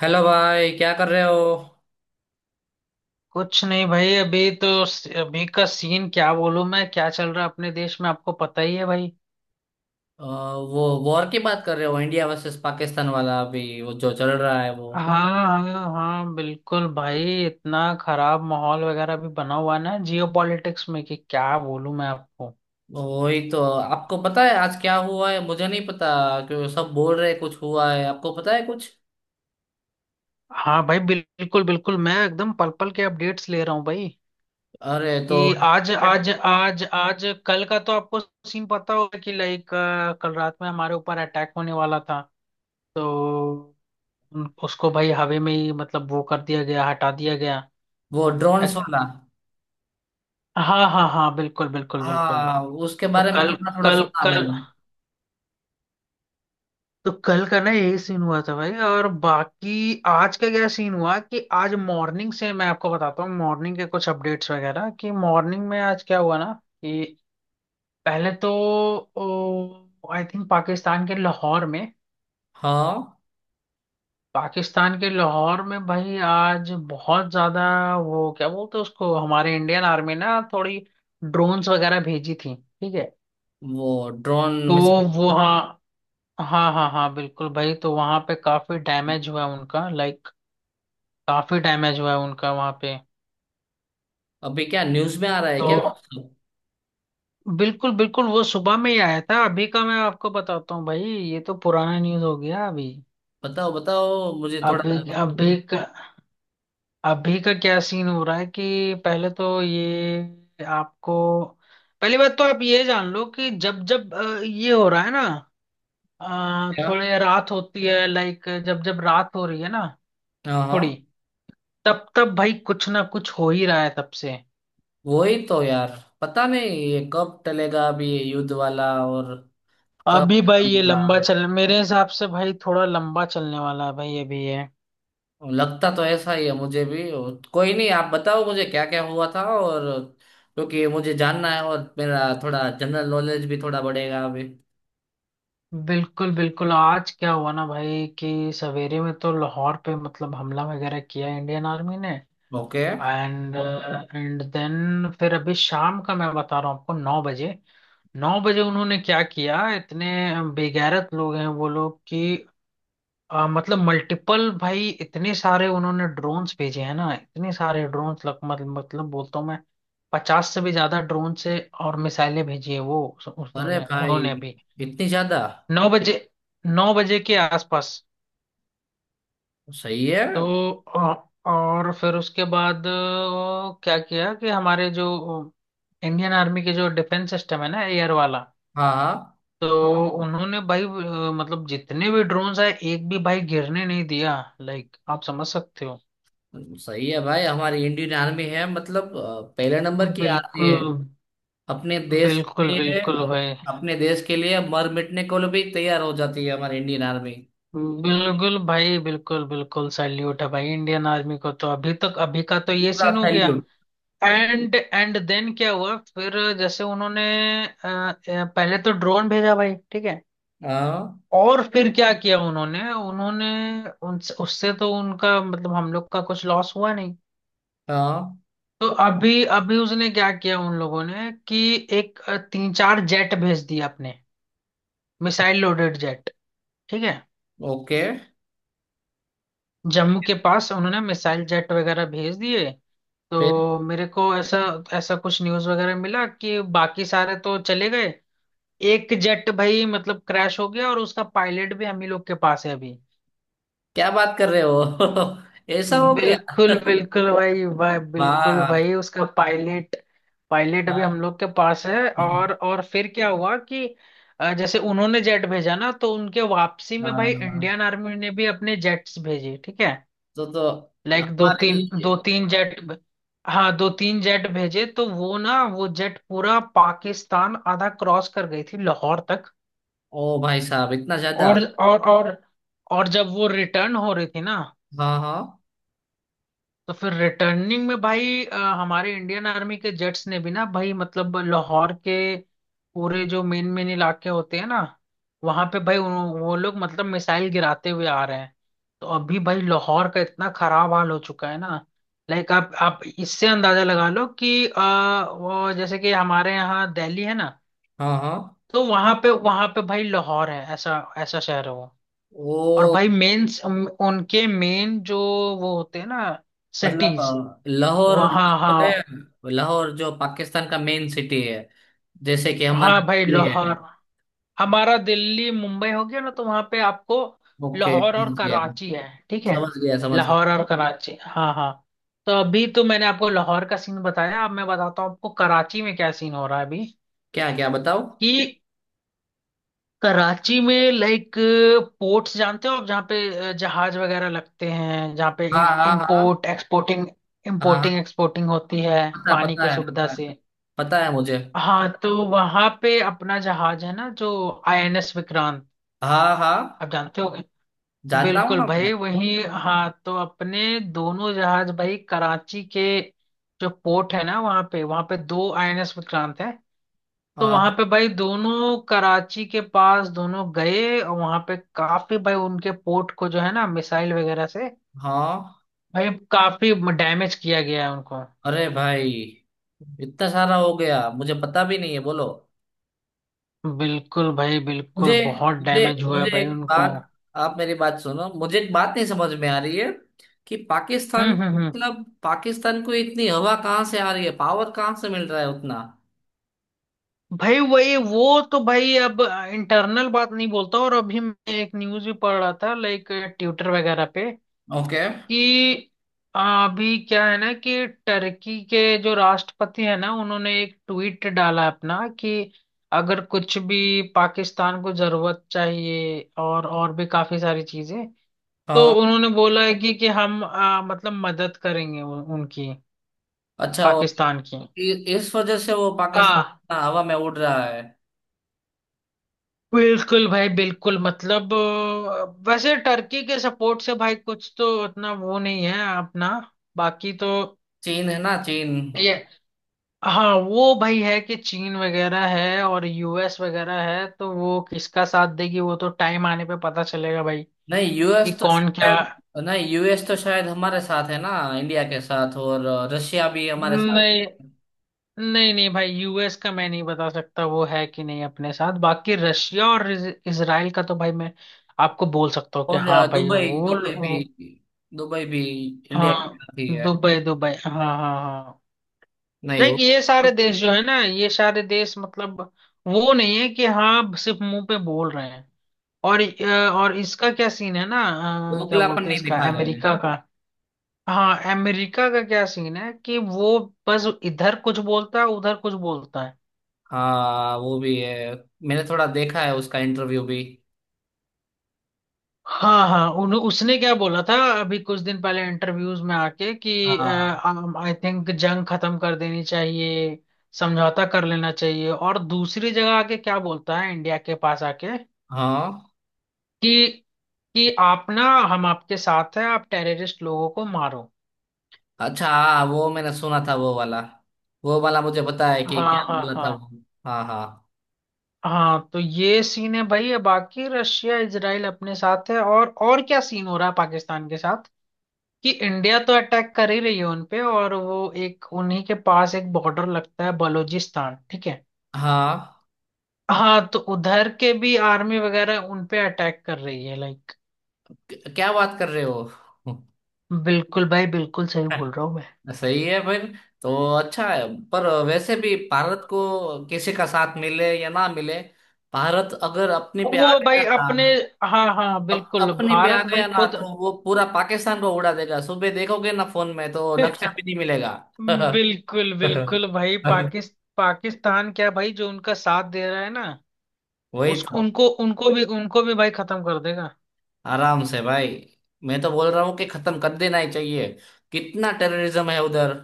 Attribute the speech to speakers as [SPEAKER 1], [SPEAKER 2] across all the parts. [SPEAKER 1] Hello भाई, क्या कर रहे हो।
[SPEAKER 2] कुछ नहीं भाई, अभी तो अभी का सीन क्या बोलूं, मैं क्या चल रहा है अपने देश में आपको पता ही है भाई।
[SPEAKER 1] वो वॉर की बात कर रहे हो, इंडिया वर्सेस पाकिस्तान वाला, अभी वो जो चल रहा है वो।
[SPEAKER 2] हाँ हाँ हाँ, बिल्कुल भाई। इतना खराब माहौल वगैरह भी बना हुआ है ना जियो पॉलिटिक्स में, कि क्या बोलूं मैं आपको।
[SPEAKER 1] वही तो, आपको पता है आज क्या हुआ है? मुझे नहीं पता, क्योंकि सब बोल रहे कुछ हुआ है। आपको पता है कुछ?
[SPEAKER 2] हाँ भाई, बिल्कुल बिल्कुल। मैं एकदम पल पल के अपडेट्स ले रहा हूँ भाई
[SPEAKER 1] अरे तो
[SPEAKER 2] कि आज आज आज आज कल का तो आपको सीन पता होगा कि लाइक कल रात में हमारे ऊपर अटैक होने वाला था। तो उसको भाई हवा में ही मतलब वो कर दिया गया, हटा दिया गया।
[SPEAKER 1] वो ड्रोन्स वाला।
[SPEAKER 2] हाँ हाँ हाँ, बिल्कुल बिल्कुल बिल्कुल।
[SPEAKER 1] हाँ, उसके
[SPEAKER 2] तो
[SPEAKER 1] बारे में
[SPEAKER 2] कल
[SPEAKER 1] थोड़ा थोड़ा
[SPEAKER 2] कल
[SPEAKER 1] सुना
[SPEAKER 2] कल
[SPEAKER 1] मैंने।
[SPEAKER 2] तो कल का ना यही सीन हुआ था भाई। और बाकी आज का क्या सीन हुआ कि आज मॉर्निंग से मैं आपको बताता हूँ, मॉर्निंग के कुछ अपडेट्स वगैरह कि मॉर्निंग में आज क्या हुआ ना कि पहले तो आई थिंक पाकिस्तान के लाहौर में,
[SPEAKER 1] हाँ,
[SPEAKER 2] पाकिस्तान के लाहौर में भाई आज बहुत ज्यादा, वो क्या बोलते हैं उसको, हमारे इंडियन आर्मी ना थोड़ी ड्रोन्स वगैरह भेजी थी। ठीक है।
[SPEAKER 1] वो ड्रोन
[SPEAKER 2] तो
[SPEAKER 1] मिसाइल।
[SPEAKER 2] वो, हाँ। हाँ हाँ हाँ, बिल्कुल भाई। तो वहां पे काफी डैमेज हुआ है उनका, लाइक काफी डैमेज हुआ है उनका वहां पे।
[SPEAKER 1] अभी क्या न्यूज में आ रहा है
[SPEAKER 2] तो
[SPEAKER 1] क्या?
[SPEAKER 2] बिल्कुल बिल्कुल, वो सुबह में ही आया था। अभी का मैं आपको बताता हूँ भाई, ये तो पुराना न्यूज हो गया। अभी
[SPEAKER 1] बताओ बताओ मुझे थोड़ा।
[SPEAKER 2] अभी अभी का अभी का क्या सीन हो रहा है कि पहले तो ये आपको, पहली बात तो आप ये जान लो कि जब जब ये हो रहा है ना,
[SPEAKER 1] क्या?
[SPEAKER 2] थोड़े रात होती है, लाइक जब जब रात हो रही है ना
[SPEAKER 1] हाँ
[SPEAKER 2] थोड़ी,
[SPEAKER 1] हाँ।
[SPEAKER 2] तब तब भाई कुछ ना कुछ हो ही रहा है तब से।
[SPEAKER 1] वही तो यार, पता नहीं ये कब टलेगा अभी ये युद्ध वाला, और कब
[SPEAKER 2] अभी भाई
[SPEAKER 1] खत्म
[SPEAKER 2] ये लंबा
[SPEAKER 1] होगा।
[SPEAKER 2] चल मेरे हिसाब से भाई थोड़ा लंबा चलने वाला है भाई अभी ये।
[SPEAKER 1] लगता तो ऐसा ही है मुझे भी, और कोई नहीं, आप बताओ मुझे क्या क्या हुआ था और। क्योंकि मुझे जानना है, और मेरा थोड़ा जनरल नॉलेज भी थोड़ा बढ़ेगा अभी।
[SPEAKER 2] बिल्कुल बिल्कुल, आज क्या हुआ ना भाई कि सवेरे में तो लाहौर पे मतलब हमला वगैरह किया इंडियन आर्मी ने।
[SPEAKER 1] ओके।
[SPEAKER 2] एंड एंड देन फिर अभी शाम का मैं बता रहा हूँ आपको, नौ बजे उन्होंने क्या किया। इतने बेगैरत लोग हैं वो लोग कि मतलब मल्टीपल भाई, इतने सारे उन्होंने ड्रोन्स भेजे हैं ना, इतने सारे ड्रोन्स लग मत, मतलब बोलता हूँ मैं। 50 से भी ज्यादा ड्रोन से और मिसाइलें भेजी है वो
[SPEAKER 1] अरे
[SPEAKER 2] उन्होंने
[SPEAKER 1] भाई,
[SPEAKER 2] उन्होंने भी।
[SPEAKER 1] इतनी ज्यादा।
[SPEAKER 2] नौ बजे 9 बजे के आसपास।
[SPEAKER 1] सही है।
[SPEAKER 2] तो और फिर उसके बाद क्या किया कि हमारे जो इंडियन आर्मी के जो डिफेंस सिस्टम है ना, एयर वाला।
[SPEAKER 1] हाँ हाँ।
[SPEAKER 2] तो हाँ उन्होंने भाई मतलब जितने भी ड्रोन्स है एक भी भाई गिरने नहीं दिया, लाइक आप समझ सकते हो।
[SPEAKER 1] सही है भाई, हमारी इंडियन आर्मी है मतलब पहले नंबर की आर्मी।
[SPEAKER 2] बिल्कुल
[SPEAKER 1] अपने देश के
[SPEAKER 2] बिल्कुल
[SPEAKER 1] लिए।
[SPEAKER 2] बिल्कुल भाई,
[SPEAKER 1] अपने देश के लिए मर मिटने को भी तैयार हो जाती है हमारी इंडियन आर्मी।
[SPEAKER 2] बिल्कुल भाई, बिल्कुल बिल्कुल। सैल्यूट है भाई इंडियन आर्मी को, तो अभी तक अभी का तो ये
[SPEAKER 1] पूरा
[SPEAKER 2] सीन हो गया।
[SPEAKER 1] सैल्यूट।
[SPEAKER 2] एंड एंड देन क्या हुआ फिर जैसे उन्होंने पहले तो ड्रोन भेजा भाई। ठीक है।
[SPEAKER 1] हाँ
[SPEAKER 2] और फिर क्या किया उन्होंने उन्होंने, उनसे उससे तो उनका मतलब हम लोग का कुछ लॉस हुआ नहीं।
[SPEAKER 1] हाँ।
[SPEAKER 2] तो अभी अभी उसने क्या किया उन लोगों ने कि तीन चार जेट भेज दिया अपने, मिसाइल लोडेड जेट। ठीक है।
[SPEAKER 1] ओके।
[SPEAKER 2] जम्मू के पास उन्होंने मिसाइल जेट वगैरह भेज दिए।
[SPEAKER 1] फिर।
[SPEAKER 2] तो मेरे को ऐसा ऐसा कुछ न्यूज़ वगैरह मिला कि बाकी सारे तो चले गए, एक जेट भाई मतलब क्रैश हो गया और उसका पायलट भी हम ही लोग के पास है अभी।
[SPEAKER 1] क्या बात कर रहे हो ऐसा हो गया।
[SPEAKER 2] बिल्कुल बिल्कुल भाई, भाई बिल्कुल भाई,
[SPEAKER 1] वाह।
[SPEAKER 2] उसका पायलट, पायलट अभी
[SPEAKER 1] वाह,
[SPEAKER 2] हम लोग के पास है। और फिर क्या हुआ कि जैसे उन्होंने जेट भेजा ना, तो उनके वापसी में भाई इंडियन
[SPEAKER 1] हाँ।
[SPEAKER 2] आर्मी ने भी अपने जेट्स भेजे। ठीक है।
[SPEAKER 1] तो
[SPEAKER 2] लाइक
[SPEAKER 1] हमारी।
[SPEAKER 2] दो तीन जेट, हाँ दो तीन जेट भेजे। तो वो ना, वो जेट पूरा पाकिस्तान आधा क्रॉस कर गई थी, लाहौर तक।
[SPEAKER 1] ओ भाई साहब, इतना ज्यादा।
[SPEAKER 2] और और और और जब वो रिटर्न हो रही थी ना,
[SPEAKER 1] हाँ हाँ
[SPEAKER 2] तो फिर रिटर्निंग में भाई हमारे इंडियन आर्मी के जेट्स ने भी ना भाई मतलब लाहौर के पूरे जो मेन मेन इलाके होते हैं ना, वहां पे भाई वो लोग मतलब मिसाइल गिराते हुए आ रहे हैं। तो अभी भाई लाहौर का इतना खराब हाल हो चुका है ना। लाइक आप इससे अंदाजा लगा लो कि वो जैसे कि हमारे यहाँ दिल्ली है ना,
[SPEAKER 1] हाँ हाँ।
[SPEAKER 2] तो वहां पे भाई लाहौर है, ऐसा ऐसा शहर है वो। और
[SPEAKER 1] वो
[SPEAKER 2] भाई मेन उनके मेन जो वो होते हैं ना,
[SPEAKER 1] मतलब,
[SPEAKER 2] सिटीज।
[SPEAKER 1] लाहौर,
[SPEAKER 2] वहाँ हाँ,
[SPEAKER 1] लाहौर है, लाहौर जो पाकिस्तान का मेन सिटी है, जैसे कि हमारा
[SPEAKER 2] हाँ भाई लाहौर,
[SPEAKER 1] दिल्ली।
[SPEAKER 2] हमारा दिल्ली मुंबई हो गया ना, तो वहां पे आपको
[SPEAKER 1] ओके,
[SPEAKER 2] लाहौर और
[SPEAKER 1] समझ गया।
[SPEAKER 2] कराची है। ठीक है।
[SPEAKER 1] समझ गया समझ
[SPEAKER 2] लाहौर
[SPEAKER 1] गया।
[SPEAKER 2] और कराची, हाँ हाँ। तो अभी तो मैंने आपको लाहौर का सीन बताया, अब मैं बताता हूँ आपको कराची में क्या सीन हो रहा है अभी,
[SPEAKER 1] क्या क्या बताओ।
[SPEAKER 2] कि कराची में, लाइक पोर्ट्स जानते हो आप, जहाँ पे जहाज वगैरह लगते हैं, जहाँ पे
[SPEAKER 1] हाँ हाँ हाँ।
[SPEAKER 2] इम्पोर्ट एक्सपोर्टिंग
[SPEAKER 1] हाँ
[SPEAKER 2] इम्पोर्टिंग
[SPEAKER 1] हाँ,
[SPEAKER 2] एक्सपोर्टिंग होती है,
[SPEAKER 1] पता
[SPEAKER 2] पानी
[SPEAKER 1] पता
[SPEAKER 2] के
[SPEAKER 1] है,
[SPEAKER 2] सुविधा
[SPEAKER 1] पता है।
[SPEAKER 2] से।
[SPEAKER 1] पता है मुझे।
[SPEAKER 2] हाँ तो वहां पे अपना जहाज है ना, जो आईएनएस विक्रांत,
[SPEAKER 1] हाँ
[SPEAKER 2] आप
[SPEAKER 1] हाँ।
[SPEAKER 2] जानते होगे।
[SPEAKER 1] जानता हूँ
[SPEAKER 2] बिल्कुल
[SPEAKER 1] ना मैं।
[SPEAKER 2] भाई, वही। हाँ, तो अपने दोनों जहाज भाई कराची के जो पोर्ट है ना, वहां पे दो आईएनएस विक्रांत है। तो वहां
[SPEAKER 1] हाँ
[SPEAKER 2] पे भाई दोनों कराची के पास दोनों गए, और वहां पे काफी भाई उनके पोर्ट को जो है ना, मिसाइल वगैरह से
[SPEAKER 1] हाँ।
[SPEAKER 2] भाई काफी डैमेज किया गया है उनको।
[SPEAKER 1] अरे भाई, इतना सारा हो गया, मुझे पता भी नहीं है, बोलो।
[SPEAKER 2] बिल्कुल भाई, बिल्कुल,
[SPEAKER 1] मुझे
[SPEAKER 2] बहुत
[SPEAKER 1] मुझे
[SPEAKER 2] डैमेज हुआ है
[SPEAKER 1] मुझे
[SPEAKER 2] भाई
[SPEAKER 1] एक
[SPEAKER 2] उनको।
[SPEAKER 1] बात, आप मेरी बात सुनो, मुझे एक बात नहीं समझ में आ रही है, कि पाकिस्तान,
[SPEAKER 2] हम्म हम्म हम्म
[SPEAKER 1] मतलब पाकिस्तान को इतनी हवा कहाँ से आ रही है, पावर कहाँ से मिल रहा है उतना।
[SPEAKER 2] भाई वही, वो तो भाई अब इंटरनल बात नहीं बोलता। और अभी मैं एक न्यूज़ भी पढ़ रहा था, लाइक ट्विटर वगैरह पे
[SPEAKER 1] ओके।
[SPEAKER 2] कि अभी क्या है ना कि टर्की के जो राष्ट्रपति है ना, उन्होंने एक ट्वीट डाला अपना कि अगर कुछ भी पाकिस्तान को जरूरत चाहिए, और भी काफी सारी चीजें, तो
[SPEAKER 1] हाँ।
[SPEAKER 2] उन्होंने बोला है कि हम मतलब मदद करेंगे उनकी,
[SPEAKER 1] अच्छा,
[SPEAKER 2] पाकिस्तान की।
[SPEAKER 1] इस वजह से वो पाकिस्तान
[SPEAKER 2] हाँ
[SPEAKER 1] ना हवा में उड़ रहा है।
[SPEAKER 2] बिल्कुल भाई, बिल्कुल, मतलब वैसे टर्की के सपोर्ट से भाई कुछ तो उतना वो नहीं है अपना, बाकी तो
[SPEAKER 1] चीन है ना, चीन।
[SPEAKER 2] ये, हाँ। वो भाई है कि चीन वगैरह है और यूएस वगैरह है, तो वो किसका साथ देगी वो तो टाइम आने पे पता चलेगा भाई,
[SPEAKER 1] नहीं, यूएस
[SPEAKER 2] कि
[SPEAKER 1] तो
[SPEAKER 2] कौन क्या।
[SPEAKER 1] शायद। नहीं, यूएस तो शायद हमारे साथ है ना, इंडिया के साथ। और रशिया भी हमारे साथ।
[SPEAKER 2] नहीं नहीं नहीं भाई, यूएस का मैं नहीं बता सकता वो है कि नहीं अपने साथ, बाकी रशिया और इसराइल का तो भाई मैं आपको बोल सकता हूँ कि
[SPEAKER 1] और
[SPEAKER 2] हाँ भाई
[SPEAKER 1] दुबई, दुबई भी
[SPEAKER 2] वो।
[SPEAKER 1] दुबई भी इंडिया के
[SPEAKER 2] हाँ,
[SPEAKER 1] साथ ही है।
[SPEAKER 2] दुबई दुबई, हाँ हाँ हाँ।
[SPEAKER 1] नहीं
[SPEAKER 2] देख,
[SPEAKER 1] वो
[SPEAKER 2] ये सारे देश जो है ना, ये सारे देश मतलब वो नहीं है कि हाँ, सिर्फ मुंह पे बोल रहे हैं। और और इसका क्या सीन है ना, क्या
[SPEAKER 1] दोगलापन
[SPEAKER 2] बोलते हैं
[SPEAKER 1] नहीं
[SPEAKER 2] इसका,
[SPEAKER 1] दिखा रहे हैं।
[SPEAKER 2] अमेरिका का। हाँ, अमेरिका का क्या सीन है कि वो बस इधर कुछ बोलता है, उधर कुछ बोलता है।
[SPEAKER 1] हाँ वो भी है, मैंने थोड़ा देखा है उसका इंटरव्यू भी।
[SPEAKER 2] हाँ हाँ, उसने क्या बोला था अभी कुछ दिन पहले इंटरव्यूज में आके कि
[SPEAKER 1] हाँ
[SPEAKER 2] आई थिंक जंग खत्म कर देनी चाहिए, समझौता कर लेना चाहिए, और दूसरी जगह आके क्या बोलता है इंडिया के पास आके
[SPEAKER 1] हाँ।
[SPEAKER 2] कि कि आप ना, हम आपके साथ है, आप टेररिस्ट लोगों को मारो।
[SPEAKER 1] अच्छा हाँ, वो मैंने सुना था, वो वाला। वो वाला मुझे पता है कि
[SPEAKER 2] हाँ
[SPEAKER 1] क्या
[SPEAKER 2] हाँ
[SPEAKER 1] बोला था
[SPEAKER 2] हाँ
[SPEAKER 1] वो। हाँ हाँ
[SPEAKER 2] हाँ। तो ये सीन है भाई, बाकी रशिया इजराइल अपने साथ है, और क्या सीन हो रहा है पाकिस्तान के साथ कि इंडिया तो अटैक कर ही रही है उन पे, और वो एक उन्हीं के पास एक बॉर्डर लगता है, बलूचिस्तान। ठीक है।
[SPEAKER 1] हाँ।
[SPEAKER 2] हाँ, तो उधर के भी आर्मी वगैरह उन पे अटैक कर रही है, लाइक।
[SPEAKER 1] क्या बात कर रहे हो
[SPEAKER 2] बिल्कुल भाई, बिल्कुल, सही बोल रहा हूँ मैं।
[SPEAKER 1] सही है फिर, तो अच्छा है। पर वैसे भी भारत को किसी का साथ मिले या ना मिले, भारत अगर अपने पे
[SPEAKER 2] वो
[SPEAKER 1] आ गया
[SPEAKER 2] भाई
[SPEAKER 1] ना,
[SPEAKER 2] अपने, हाँ हाँ बिल्कुल,
[SPEAKER 1] अपने पे आ
[SPEAKER 2] भारत भाई
[SPEAKER 1] गया ना
[SPEAKER 2] खुद
[SPEAKER 1] तो वो पूरा पाकिस्तान को उड़ा देगा, सुबह देखोगे ना फोन में तो नक्शा भी नहीं मिलेगा
[SPEAKER 2] बिल्कुल बिल्कुल भाई, पाकिस्तान पाकिस्तान क्या भाई, जो उनका साथ दे रहा है ना,
[SPEAKER 1] वही
[SPEAKER 2] उस
[SPEAKER 1] तो।
[SPEAKER 2] उनको उनको भी भाई खत्म कर देगा।
[SPEAKER 1] आराम से भाई, मैं तो बोल रहा हूँ कि खत्म कर देना ही चाहिए, कितना टेररिज्म है उधर।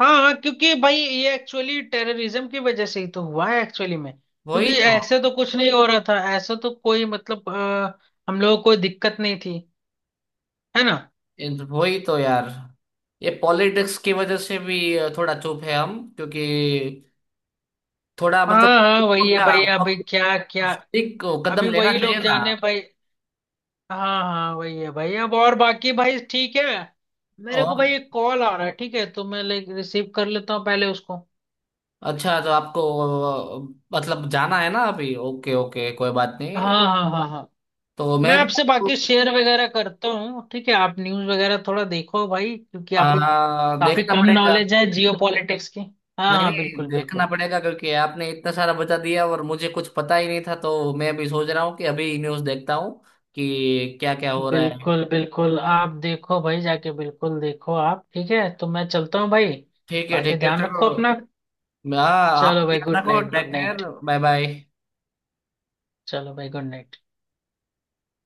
[SPEAKER 2] हाँ हाँ, क्योंकि भाई ये एक्चुअली टेररिज्म की वजह से ही तो हुआ है, एक्चुअली में, क्योंकि
[SPEAKER 1] वही तो।
[SPEAKER 2] ऐसे तो कुछ नहीं हो रहा था, ऐसे तो कोई मतलब हम लोगों को कोई दिक्कत नहीं थी, है ना।
[SPEAKER 1] इन वही तो यार, ये पॉलिटिक्स की वजह से भी थोड़ा चुप है हम, क्योंकि थोड़ा
[SPEAKER 2] हाँ
[SPEAKER 1] मतलब,
[SPEAKER 2] हाँ, वही है
[SPEAKER 1] क्या,
[SPEAKER 2] भाई अभी,
[SPEAKER 1] हम
[SPEAKER 2] क्या क्या।
[SPEAKER 1] एक कदम
[SPEAKER 2] अभी
[SPEAKER 1] लेना
[SPEAKER 2] वही
[SPEAKER 1] चाहिए
[SPEAKER 2] लोग
[SPEAKER 1] ना।
[SPEAKER 2] जाने भाई। हाँ हाँ, वही है भाई अब, और बाकी भाई ठीक है, मेरे को
[SPEAKER 1] और
[SPEAKER 2] भाई एक कॉल आ रहा है, ठीक है, तो मैं लाइक रिसीव कर लेता हूँ पहले उसको।
[SPEAKER 1] अच्छा, तो आपको मतलब जाना है ना अभी, ओके ओके कोई बात नहीं।
[SPEAKER 2] हाँ हाँ हाँ हाँ।
[SPEAKER 1] तो
[SPEAKER 2] मैं
[SPEAKER 1] मैं
[SPEAKER 2] आपसे बाकी शेयर वगैरह करता हूँ, ठीक है, आप न्यूज़ वगैरह थोड़ा देखो भाई, क्योंकि आप एक काफी
[SPEAKER 1] देखना
[SPEAKER 2] कम
[SPEAKER 1] पड़ेगा।
[SPEAKER 2] नॉलेज है जियो पॉलिटिक्स की। हाँ
[SPEAKER 1] नहीं
[SPEAKER 2] हाँ,
[SPEAKER 1] नहीं,
[SPEAKER 2] बिल्कुल
[SPEAKER 1] देखना
[SPEAKER 2] बिल्कुल
[SPEAKER 1] पड़ेगा क्योंकि आपने इतना सारा बता दिया और मुझे कुछ पता ही नहीं था, तो मैं भी सोच रहा हूँ कि अभी न्यूज़ देखता हूँ कि क्या क्या हो रहा है।
[SPEAKER 2] बिल्कुल बिल्कुल। आप देखो भाई, जाके बिल्कुल देखो आप, ठीक है, तो मैं चलता हूँ भाई,
[SPEAKER 1] ठीक है
[SPEAKER 2] बाकी
[SPEAKER 1] ठीक है,
[SPEAKER 2] ध्यान
[SPEAKER 1] चलो।
[SPEAKER 2] रखो अपना।
[SPEAKER 1] हाँ, आप
[SPEAKER 2] चलो
[SPEAKER 1] भी
[SPEAKER 2] भाई,
[SPEAKER 1] अपना
[SPEAKER 2] गुड
[SPEAKER 1] को
[SPEAKER 2] night,
[SPEAKER 1] take
[SPEAKER 2] good
[SPEAKER 1] care.
[SPEAKER 2] Night.
[SPEAKER 1] Bye bye.
[SPEAKER 2] चलो भाई, गुड नाइट।